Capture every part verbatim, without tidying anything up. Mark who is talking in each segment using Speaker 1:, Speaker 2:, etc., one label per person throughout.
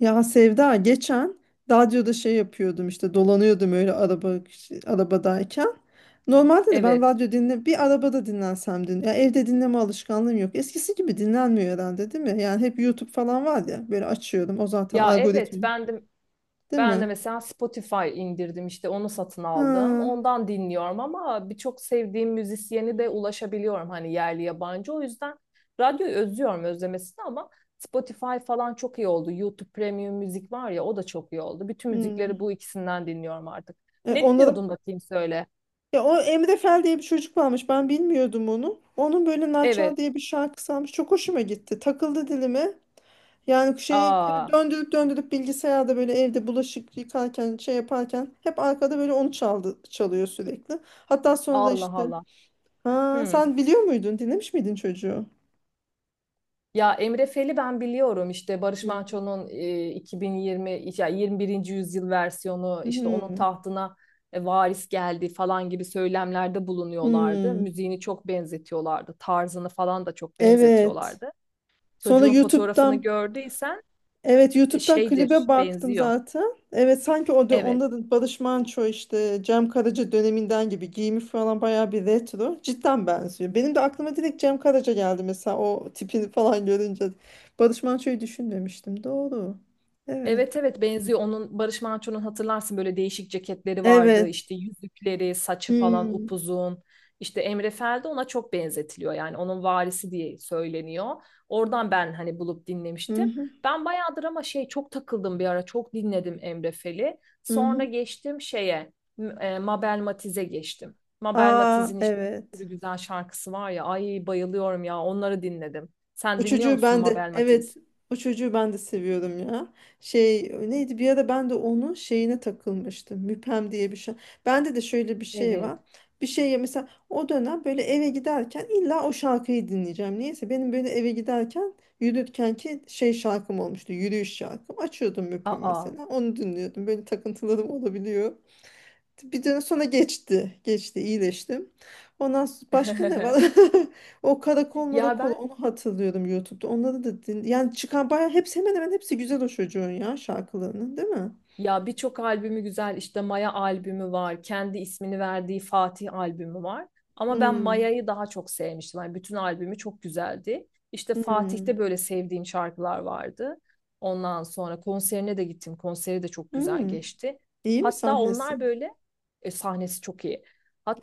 Speaker 1: Ya Sevda, geçen radyoda şey yapıyordum, işte dolanıyordum öyle araba arabadayken. Normalde de ben
Speaker 2: Evet.
Speaker 1: radyo dinle bir arabada dinlensem din ya evde dinleme alışkanlığım yok. Eskisi gibi dinlenmiyor herhalde, değil mi? Yani hep YouTube falan var ya, böyle açıyorum, o zaten
Speaker 2: Ya
Speaker 1: algoritma,
Speaker 2: evet ben de
Speaker 1: değil
Speaker 2: ben de
Speaker 1: mi?
Speaker 2: mesela Spotify indirdim işte onu satın
Speaker 1: Ha.
Speaker 2: aldım. Ondan dinliyorum ama birçok sevdiğim müzisyeni de ulaşabiliyorum hani yerli yabancı. O yüzden radyoyu özlüyorum özlemesini ama Spotify falan çok iyi oldu. YouTube Premium müzik var ya o da çok iyi oldu. Bütün müzikleri
Speaker 1: Hmm.
Speaker 2: bu ikisinden dinliyorum artık.
Speaker 1: E,
Speaker 2: Ne
Speaker 1: onlara
Speaker 2: dinliyordun bakayım söyle.
Speaker 1: Ya, o Emre Fel diye bir çocuk varmış. Ben bilmiyordum onu. Onun böyle
Speaker 2: Evet.
Speaker 1: Naçar diye bir şarkısı varmış. Çok hoşuma gitti. Takıldı dilime. Yani şey, böyle
Speaker 2: Aa,
Speaker 1: döndürüp döndürüp bilgisayarda, böyle evde bulaşık yıkarken, şey yaparken hep arkada böyle onu çaldı, çalıyor sürekli. Hatta sonra da
Speaker 2: Allah
Speaker 1: işte,
Speaker 2: Allah.
Speaker 1: ha,
Speaker 2: Hmm.
Speaker 1: sen biliyor muydun? Dinlemiş miydin çocuğu?
Speaker 2: Ya Emre Fel'i ben biliyorum işte Barış
Speaker 1: Hı.
Speaker 2: Manço'nun e, iki bin yirmi ya yirmi birinci yüzyıl versiyonu işte onun
Speaker 1: Hmm.
Speaker 2: tahtına e, varis geldi falan gibi söylemlerde bulunuyorlardı.
Speaker 1: Hmm.
Speaker 2: Müziğini çok benzetiyorlardı. Tarzını falan da çok
Speaker 1: Evet.
Speaker 2: benzetiyorlardı.
Speaker 1: Sonra
Speaker 2: Çocuğun fotoğrafını
Speaker 1: YouTube'dan
Speaker 2: gördüysen
Speaker 1: Evet,
Speaker 2: e,
Speaker 1: YouTube'dan
Speaker 2: şeydir,
Speaker 1: klibe baktım
Speaker 2: benziyor.
Speaker 1: zaten. Evet, sanki o da
Speaker 2: Evet.
Speaker 1: onda da Barış Manço, işte Cem Karaca döneminden gibi giyimi falan bayağı bir retro. Cidden benziyor. Benim de aklıma direkt Cem Karaca geldi mesela, o tipini falan görünce. Barış Manço'yu düşünmemiştim. Doğru. Evet.
Speaker 2: Evet evet benziyor. Onun Barış Manço'nun hatırlarsın böyle değişik ceketleri vardı.
Speaker 1: Evet.
Speaker 2: İşte yüzükleri, saçı falan
Speaker 1: Hmm.
Speaker 2: upuzun. İşte Emre Fel de ona çok benzetiliyor. Yani onun varisi diye söyleniyor. Oradan ben hani bulup
Speaker 1: Hı
Speaker 2: dinlemiştim.
Speaker 1: hı.
Speaker 2: Ben bayağıdır ama şey çok takıldım bir ara. Çok dinledim Emre Fel'i.
Speaker 1: Hı
Speaker 2: Sonra
Speaker 1: hı.
Speaker 2: geçtim şeye m- e, Mabel Matiz'e geçtim. Mabel
Speaker 1: Aa,
Speaker 2: Matiz'in işte bir
Speaker 1: evet.
Speaker 2: sürü güzel şarkısı var ya. Ay bayılıyorum ya onları dinledim.
Speaker 1: O
Speaker 2: Sen dinliyor
Speaker 1: çocuğu
Speaker 2: musun
Speaker 1: ben de
Speaker 2: Mabel
Speaker 1: evet
Speaker 2: Matiz?
Speaker 1: o çocuğu ben de seviyordum ya. Şey, neydi, bir ara ben de onun şeyine takılmıştım. Müpem diye bir şey. Bende de şöyle bir şey var.
Speaker 2: Evet.
Speaker 1: Bir şeye mesela, o dönem böyle eve giderken illa o şarkıyı dinleyeceğim. Niyeyse benim böyle eve giderken yürürken ki şey şarkım olmuştu. Yürüyüş şarkım. Açıyordum Müpem
Speaker 2: Aa.
Speaker 1: mesela. Onu dinliyordum. Böyle takıntılarım olabiliyor. Bir dönem sonra geçti. Geçti, iyileştim. Ondan s- başka ne var? O karakol
Speaker 2: Ya
Speaker 1: marakol,
Speaker 2: ben
Speaker 1: onu hatırlıyorum YouTube'da. Onları da din yani çıkan bayağı hepsi hemen hemen hepsi güzel o çocuğun ya şarkılarının, değil mi?
Speaker 2: ya birçok albümü güzel işte Maya albümü var. Kendi ismini verdiği Fatih albümü var. Ama ben
Speaker 1: Hmm.
Speaker 2: Maya'yı daha çok sevmiştim. Yani bütün albümü çok güzeldi. İşte
Speaker 1: Hmm.
Speaker 2: Fatih'te böyle sevdiğim şarkılar vardı. Ondan sonra konserine de gittim. Konseri de çok güzel
Speaker 1: Hmm.
Speaker 2: geçti.
Speaker 1: İyi mi
Speaker 2: Hatta
Speaker 1: sahnesi?
Speaker 2: onlar böyle e, sahnesi çok iyi.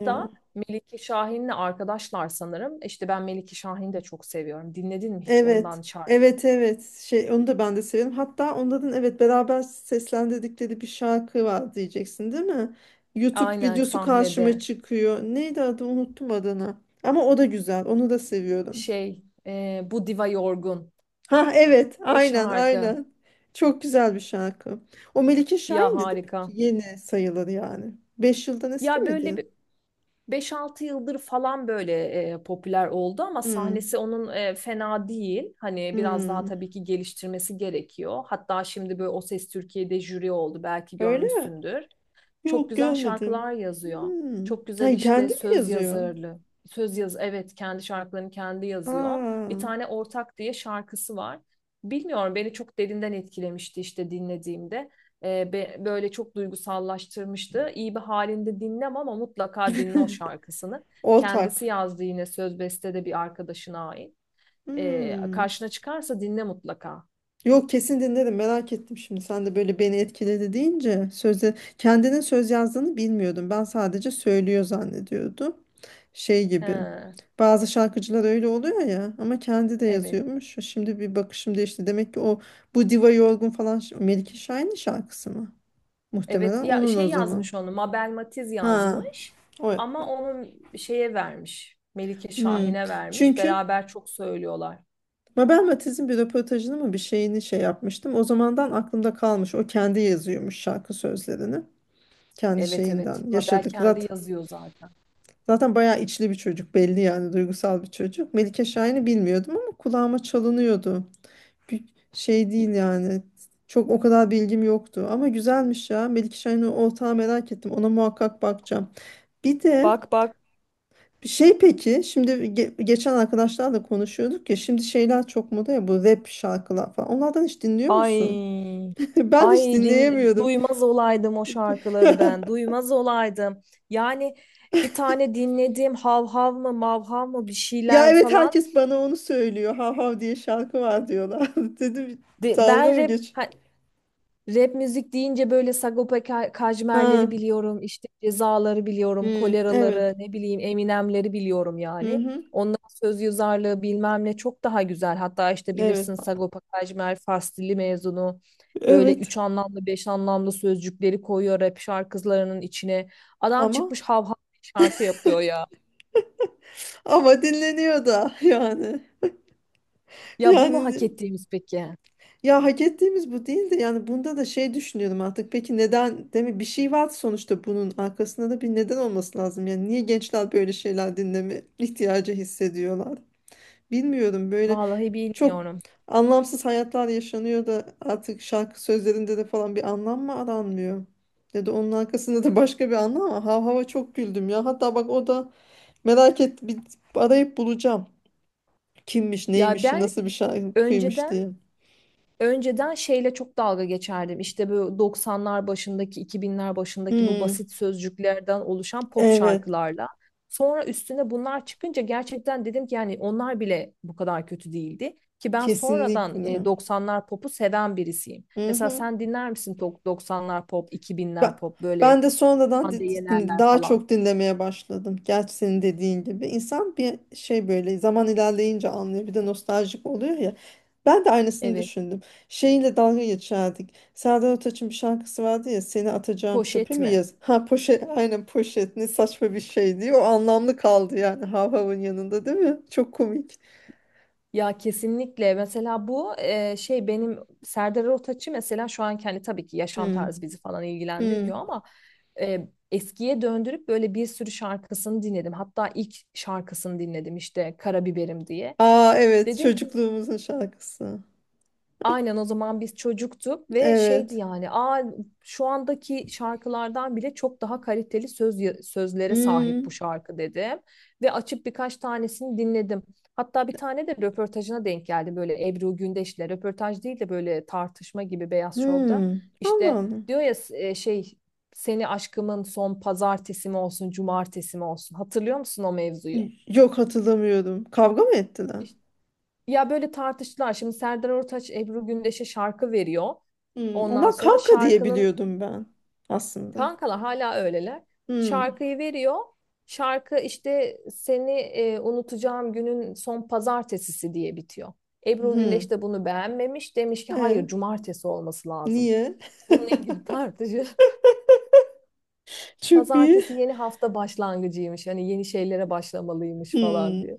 Speaker 1: Ya.
Speaker 2: Melike Şahin'le arkadaşlar sanırım. İşte ben Melike Şahin'i de çok seviyorum. Dinledin mi hiç ondan
Speaker 1: Evet.
Speaker 2: şarkı?
Speaker 1: Evet, evet. Şey, onu da ben de severim. Hatta onların, evet, beraber seslendirdikleri bir şarkı var diyeceksin, değil mi? YouTube
Speaker 2: Aynen
Speaker 1: videosu karşıma
Speaker 2: sahnede.
Speaker 1: çıkıyor. Neydi adı? Unuttum adını. Ama o da güzel. Onu da seviyorum.
Speaker 2: Şey e, bu diva yorgun.
Speaker 1: Ha, evet.
Speaker 2: O
Speaker 1: Aynen,
Speaker 2: şarkı
Speaker 1: aynen. Çok güzel bir şarkı. O Melike
Speaker 2: ya
Speaker 1: Şahin'di, değil mi?
Speaker 2: harika.
Speaker 1: Yeni sayılır yani. Beş yıldan eski
Speaker 2: Ya böyle
Speaker 1: miydi?
Speaker 2: bir beş altı yıldır falan böyle e, popüler oldu ama
Speaker 1: Hmm.
Speaker 2: sahnesi onun e, fena değil. Hani biraz daha
Speaker 1: Hmm.
Speaker 2: tabii ki geliştirmesi gerekiyor. Hatta şimdi böyle O Ses Türkiye'de jüri oldu belki
Speaker 1: Öyle mi?
Speaker 2: görmüşsündür. Çok
Speaker 1: Yok,
Speaker 2: güzel
Speaker 1: görmedim.
Speaker 2: şarkılar yazıyor.
Speaker 1: Hmm.
Speaker 2: Çok güzel
Speaker 1: Ha,
Speaker 2: işte
Speaker 1: kendi mi
Speaker 2: söz
Speaker 1: yazıyor?
Speaker 2: yazarlı. Söz yaz evet kendi şarkılarını kendi yazıyor. Bir
Speaker 1: Aa.
Speaker 2: tane Ortak diye şarkısı var. Bilmiyorum beni çok derinden etkilemişti işte dinlediğimde. Ee, be- böyle çok duygusallaştırmıştı. İyi bir halinde dinlem ama mutlaka dinle o şarkısını. Kendisi
Speaker 1: Ortak.
Speaker 2: yazdı yine söz beste de bir arkadaşına ait. Ee,
Speaker 1: Hmm.
Speaker 2: karşına çıkarsa dinle mutlaka.
Speaker 1: Yok, kesin dinlerim, merak ettim şimdi. Sen de böyle beni etkiledi deyince sözde kendinin söz yazdığını bilmiyordum. Ben sadece söylüyor zannediyordum. Şey gibi.
Speaker 2: He,
Speaker 1: Bazı şarkıcılar öyle oluyor ya, ama kendi de
Speaker 2: evet.
Speaker 1: yazıyormuş. Şimdi bir bakışım değişti. Demek ki o bu Diva Yorgun falan ş- Melike Şahin'in şarkısı mı?
Speaker 2: Evet
Speaker 1: Muhtemelen
Speaker 2: ya
Speaker 1: onun o
Speaker 2: şey
Speaker 1: zaman.
Speaker 2: yazmış onu Mabel Matiz
Speaker 1: Ha.
Speaker 2: yazmış
Speaker 1: O.
Speaker 2: ama onu şeye vermiş Melike
Speaker 1: Hmm.
Speaker 2: Şahin'e vermiş
Speaker 1: Çünkü
Speaker 2: beraber çok söylüyorlar.
Speaker 1: Mabel Matiz'in bir röportajını mı, bir şeyini şey yapmıştım. O zamandan aklımda kalmış. O kendi yazıyormuş şarkı sözlerini. Kendi
Speaker 2: Evet
Speaker 1: şeyinden
Speaker 2: evet Mabel
Speaker 1: yaşadık.
Speaker 2: kendi
Speaker 1: Zaten,
Speaker 2: yazıyor zaten.
Speaker 1: zaten bayağı içli bir çocuk belli, yani duygusal bir çocuk. Melike Şahin'i bilmiyordum ama kulağıma çalınıyordu. Bir şey değil yani. Çok o kadar bilgim yoktu ama güzelmiş ya. Melike Şahin'in Ortağı, merak ettim. Ona muhakkak bakacağım. Bir de
Speaker 2: Bak bak
Speaker 1: şey, peki şimdi ge- geçen arkadaşlarla konuşuyorduk ya, şimdi şeyler çok moda ya, bu rap şarkılar falan. Onlardan hiç dinliyor musun?
Speaker 2: ay
Speaker 1: Ben hiç
Speaker 2: ay din
Speaker 1: dinleyemiyorum.
Speaker 2: duymaz olaydım o şarkıları ben duymaz olaydım. Yani bir tane dinlediğim hav hav mı mav hav mı bir
Speaker 1: Ya
Speaker 2: şeyler
Speaker 1: evet,
Speaker 2: falan.
Speaker 1: herkes bana onu söylüyor. Hav hav diye şarkı var diyorlar. Dedim,
Speaker 2: De,
Speaker 1: dalga
Speaker 2: ben
Speaker 1: mı
Speaker 2: rap
Speaker 1: geç?
Speaker 2: ha, Rap müzik deyince böyle Sagopa Ka- Kajmer'leri
Speaker 1: Ha.
Speaker 2: biliyorum, işte Cezaları biliyorum,
Speaker 1: Hmm, evet.
Speaker 2: Kolera'ları, ne bileyim Eminem'leri biliyorum
Speaker 1: Hı
Speaker 2: yani.
Speaker 1: hı.
Speaker 2: Onların söz yazarlığı bilmem ne çok daha güzel. Hatta işte
Speaker 1: Evet.
Speaker 2: bilirsin Sagopa Kajmer Fars dili mezunu. Böyle
Speaker 1: Evet.
Speaker 2: üç anlamlı, beş anlamlı sözcükleri koyuyor rap şarkılarının içine. Adam
Speaker 1: Ama
Speaker 2: çıkmış hav hav şarkı yapıyor ya.
Speaker 1: ama dinleniyor da yani.
Speaker 2: Ya bu mu hak
Speaker 1: Yani
Speaker 2: ettiğimiz peki?
Speaker 1: Ya, hak ettiğimiz bu değildi. Yani bunda da şey düşünüyorum artık. Peki neden? Değil Bir şey var sonuçta, bunun arkasında da bir neden olması lazım. Yani niye gençler böyle şeyler dinleme ihtiyacı hissediyorlar? Bilmiyorum. Böyle
Speaker 2: Vallahi
Speaker 1: çok
Speaker 2: bilmiyorum.
Speaker 1: anlamsız hayatlar yaşanıyor da artık şarkı sözlerinde de falan bir anlam mı aranmıyor? Ya da onun arkasında da başka bir anlam var. Hav hava çok güldüm ya. Hatta bak, o da merak et, bir arayıp bulacağım. Kimmiş,
Speaker 2: Ya
Speaker 1: neymiş,
Speaker 2: ben
Speaker 1: nasıl bir şarkıymış
Speaker 2: önceden
Speaker 1: diye.
Speaker 2: Önceden şeyle çok dalga geçerdim. İşte bu doksanlar başındaki, iki binler başındaki bu
Speaker 1: Hmm,
Speaker 2: basit sözcüklerden oluşan pop
Speaker 1: evet.
Speaker 2: şarkılarla. Sonra üstüne bunlar çıkınca gerçekten dedim ki yani onlar bile bu kadar kötü değildi. Ki ben sonradan e,
Speaker 1: Kesinlikle.
Speaker 2: doksanlar popu seven birisiyim.
Speaker 1: Hı
Speaker 2: Mesela
Speaker 1: hı.
Speaker 2: sen dinler misin to- doksanlar pop,
Speaker 1: Ben,
Speaker 2: iki binler pop böyle
Speaker 1: ben de sonradan di-
Speaker 2: Hande
Speaker 1: di-
Speaker 2: Yener'ler
Speaker 1: daha
Speaker 2: falan?
Speaker 1: çok dinlemeye başladım. Gerçi senin dediğin gibi. İnsan bir şey, böyle zaman ilerleyince anlıyor. Bir de nostaljik oluyor ya. Ben de aynısını
Speaker 2: Evet.
Speaker 1: düşündüm. Şeyle dalga geçerdik. Serdar Ortaç'ın bir şarkısı vardı ya. Seni atacağım çöpe
Speaker 2: Poşet
Speaker 1: mi
Speaker 2: mi?
Speaker 1: yaz? Ha, poşet. Aynen, poşet. Ne saçma bir şey diye. O anlamlı kaldı yani. Hav Hav'ın yanında, değil mi? Çok komik.
Speaker 2: Ya kesinlikle mesela bu e, şey benim Serdar Ortaç'ı mesela şu an kendi tabii ki yaşam
Speaker 1: Hı.
Speaker 2: tarzı bizi falan
Speaker 1: Hı.
Speaker 2: ilgilendirmiyor ama e, eskiye döndürüp böyle bir sürü şarkısını dinledim. Hatta ilk şarkısını dinledim işte Karabiberim diye.
Speaker 1: Aa, evet.
Speaker 2: Dedim ki
Speaker 1: Çocukluğumuzun şarkısı.
Speaker 2: aynen o zaman biz çocuktuk ve şeydi
Speaker 1: Evet.
Speaker 2: yani aa, şu andaki şarkılardan bile çok daha kaliteli söz sözlere sahip bu
Speaker 1: Hmm,
Speaker 2: şarkı dedim. Ve açıp birkaç tanesini dinledim. Hatta bir tane de röportajına denk geldi böyle Ebru Gündeş'le röportaj değil de böyle tartışma gibi Beyaz Şov'da.
Speaker 1: hmm. Allah
Speaker 2: İşte
Speaker 1: Allah.
Speaker 2: diyor ya e, şey seni aşkımın son pazartesi mi olsun cumartesi mi olsun hatırlıyor musun o mevzuyu?
Speaker 1: Yok, hatırlamıyorum. Kavga mı ettiler?
Speaker 2: İşte ya böyle tartıştılar. Şimdi Serdar Ortaç Ebru Gündeş'e şarkı veriyor.
Speaker 1: Hmm.
Speaker 2: Ondan
Speaker 1: Ona
Speaker 2: sonra
Speaker 1: kanka diye
Speaker 2: şarkının
Speaker 1: biliyordum ben aslında.
Speaker 2: kankalar hala öyleler.
Speaker 1: Hmm.
Speaker 2: Şarkıyı veriyor. Şarkı işte seni e, unutacağım günün son pazartesisi diye bitiyor. Ebru
Speaker 1: Hmm.
Speaker 2: Gündeş de bunu beğenmemiş. Demiş ki hayır
Speaker 1: E,
Speaker 2: cumartesi olması lazım.
Speaker 1: niye?
Speaker 2: Bununla ilgili tartışı.
Speaker 1: Çok iyi.
Speaker 2: Pazartesi yeni hafta başlangıcıymış. Hani yeni şeylere başlamalıymış falan
Speaker 1: Hmm.
Speaker 2: diye.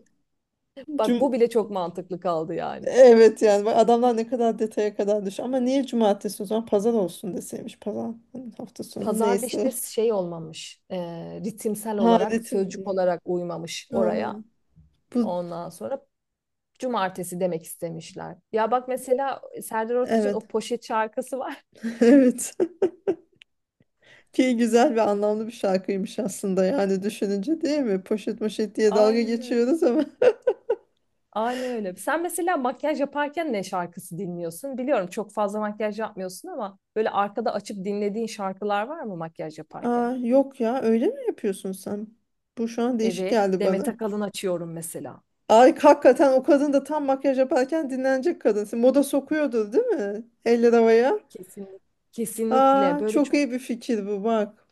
Speaker 2: Bak bu
Speaker 1: Cum
Speaker 2: bile çok mantıklı kaldı yani.
Speaker 1: evet yani, bak adamlar ne kadar detaya kadar düş. Ama niye cumartesi, o zaman pazar olsun deseymiş. Pazar, hani hafta sonu
Speaker 2: Pazarda işte
Speaker 1: neyse.
Speaker 2: şey olmamış, e, ritimsel
Speaker 1: Ha,
Speaker 2: olarak,
Speaker 1: ritim.
Speaker 2: sözcük olarak uymamış
Speaker 1: Ha,
Speaker 2: oraya.
Speaker 1: bu
Speaker 2: Ondan sonra cumartesi demek istemişler. Ya bak mesela Serdar Ortaç'ın o
Speaker 1: evet.
Speaker 2: poşet şarkısı var.
Speaker 1: Evet. Ki güzel ve anlamlı bir şarkıymış aslında, yani düşününce, değil mi? Poşet moşet diye dalga
Speaker 2: Aynen öyle.
Speaker 1: geçiyoruz ama.
Speaker 2: Aynen öyle. Sen mesela makyaj yaparken ne şarkısı dinliyorsun? Biliyorum çok fazla makyaj yapmıyorsun ama böyle arkada açıp dinlediğin şarkılar var mı makyaj
Speaker 1: Aa,
Speaker 2: yaparken?
Speaker 1: yok ya, öyle mi yapıyorsun sen? Bu şu an değişik
Speaker 2: Evet,
Speaker 1: geldi
Speaker 2: Demet
Speaker 1: bana.
Speaker 2: Akalın açıyorum mesela.
Speaker 1: Ay hakikaten, o kadın da tam makyaj yaparken dinlenecek kadınsın. Moda sokuyordur, değil mi? Eller havaya.
Speaker 2: Kesinlikle. Kesinlikle
Speaker 1: Aa,
Speaker 2: böyle
Speaker 1: çok
Speaker 2: çok
Speaker 1: iyi bir fikir bu, bak.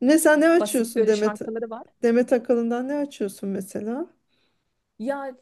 Speaker 1: Ne sen ne
Speaker 2: basit
Speaker 1: açıyorsun
Speaker 2: böyle
Speaker 1: Demet?
Speaker 2: şarkıları var.
Speaker 1: Demet Akalın'dan ne açıyorsun mesela?
Speaker 2: Ya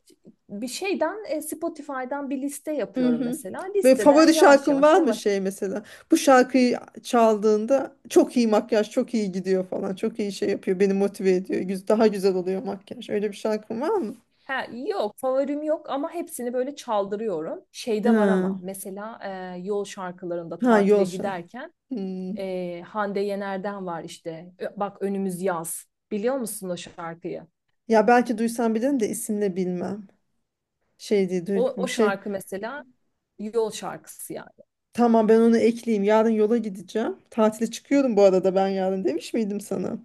Speaker 2: bir şeyden e, Spotify'dan bir liste
Speaker 1: Hı
Speaker 2: yapıyorum
Speaker 1: hı.
Speaker 2: mesela.
Speaker 1: Böyle
Speaker 2: Listeden
Speaker 1: favori
Speaker 2: yavaş
Speaker 1: şarkın
Speaker 2: yavaş
Speaker 1: var mı
Speaker 2: yavaş.
Speaker 1: şey mesela? Bu şarkıyı çaldığında çok iyi makyaj, çok iyi gidiyor falan. Çok iyi şey yapıyor. Beni motive ediyor. Güz- Daha güzel oluyor makyaj. Öyle bir şarkın var mı?
Speaker 2: Ha, yok favorim yok ama hepsini böyle çaldırıyorum. Şeyde var
Speaker 1: Ha,
Speaker 2: ama mesela e, yol şarkılarında
Speaker 1: ha, yol
Speaker 2: tatile
Speaker 1: şarkı.
Speaker 2: giderken
Speaker 1: Hmm.
Speaker 2: e, Hande Yener'den var işte. Ö- Bak önümüz yaz. Biliyor musun o şarkıyı?
Speaker 1: Ya, belki duysam bilirim de isimle bilmem. Şey diye duy-
Speaker 2: O, o
Speaker 1: bir şey.
Speaker 2: şarkı mesela yol şarkısı yani.
Speaker 1: Tamam, ben onu ekleyeyim. Yarın yola gideceğim. Tatile çıkıyorum bu arada, ben yarın demiş miydim sana?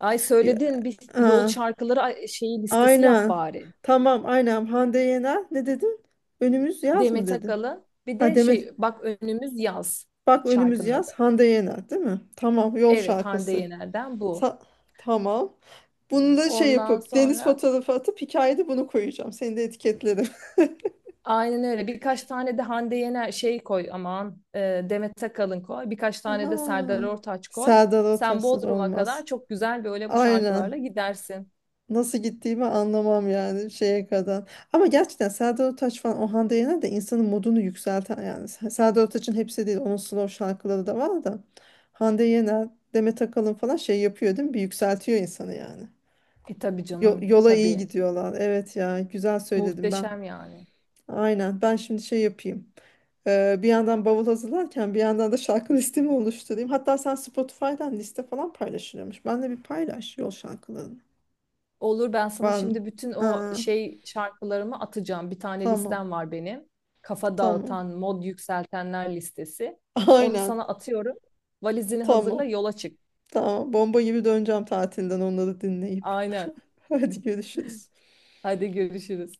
Speaker 2: Ay
Speaker 1: Ya,
Speaker 2: söyledin bir yol
Speaker 1: ha,
Speaker 2: şarkıları ay, şeyi listesi yap
Speaker 1: aynen.
Speaker 2: bari.
Speaker 1: Tamam, aynen. Hande Yener ne dedin? Önümüz yaz mı
Speaker 2: Demet
Speaker 1: dedi?
Speaker 2: Akalın bir
Speaker 1: Ha
Speaker 2: de şey
Speaker 1: demin,
Speaker 2: bak önümüz yaz
Speaker 1: bak önümüz
Speaker 2: şarkının
Speaker 1: yaz
Speaker 2: adı.
Speaker 1: Hande Yener, değil mi? Tamam, yol
Speaker 2: Evet Hande
Speaker 1: şarkısı.
Speaker 2: Yener'den bu.
Speaker 1: Sa- tamam. Bunu da şey
Speaker 2: Ondan
Speaker 1: yapıp deniz
Speaker 2: sonra
Speaker 1: fotoğrafı atıp hikayede bunu koyacağım. Seni de etiketlerim.
Speaker 2: aynen öyle birkaç tane de Hande Yener şey koy aman e, Demet Akalın koy. Birkaç tane de Serdar
Speaker 1: Aha.
Speaker 2: Ortaç koy.
Speaker 1: Serdar
Speaker 2: Sen
Speaker 1: Ortaç'sız
Speaker 2: Bodrum'a
Speaker 1: olmaz.
Speaker 2: kadar çok güzel böyle bu
Speaker 1: Aynen.
Speaker 2: şarkılarla gidersin.
Speaker 1: Nasıl gittiğimi anlamam yani şeye kadar. Ama gerçekten Serdar Ortaç falan, o Hande Yener de insanın modunu yükselten yani. S- Serdar Ortaç'ın hepsi değil, onun slow şarkıları da var da. Hande Yener, Demet Akalın falan şey yapıyor, değil mi? Bir yükseltiyor insanı yani.
Speaker 2: E tabii
Speaker 1: Yo-
Speaker 2: canım
Speaker 1: yola iyi
Speaker 2: tabii
Speaker 1: gidiyorlar. Evet ya, güzel söyledim ben.
Speaker 2: muhteşem yani.
Speaker 1: Aynen, ben şimdi şey yapayım. Ee, bir yandan bavul hazırlarken bir yandan da şarkı listemi oluşturayım. Hatta sen Spotify'dan liste falan paylaşılıyormuş. Ben de bir paylaş yol şarkılarını.
Speaker 2: Olur ben sana
Speaker 1: Var mı?
Speaker 2: şimdi bütün o
Speaker 1: Aa,
Speaker 2: şey şarkılarımı atacağım. Bir tane
Speaker 1: tamam,
Speaker 2: listem var benim. Kafa dağıtan,
Speaker 1: tamam.
Speaker 2: mod yükseltenler listesi. Onu
Speaker 1: Aynen,
Speaker 2: sana atıyorum. Valizini hazırla
Speaker 1: tamam.
Speaker 2: yola çık.
Speaker 1: Tamam, bomba gibi döneceğim tatilden onları dinleyip.
Speaker 2: Aynen.
Speaker 1: Hadi görüşürüz.
Speaker 2: Hadi görüşürüz.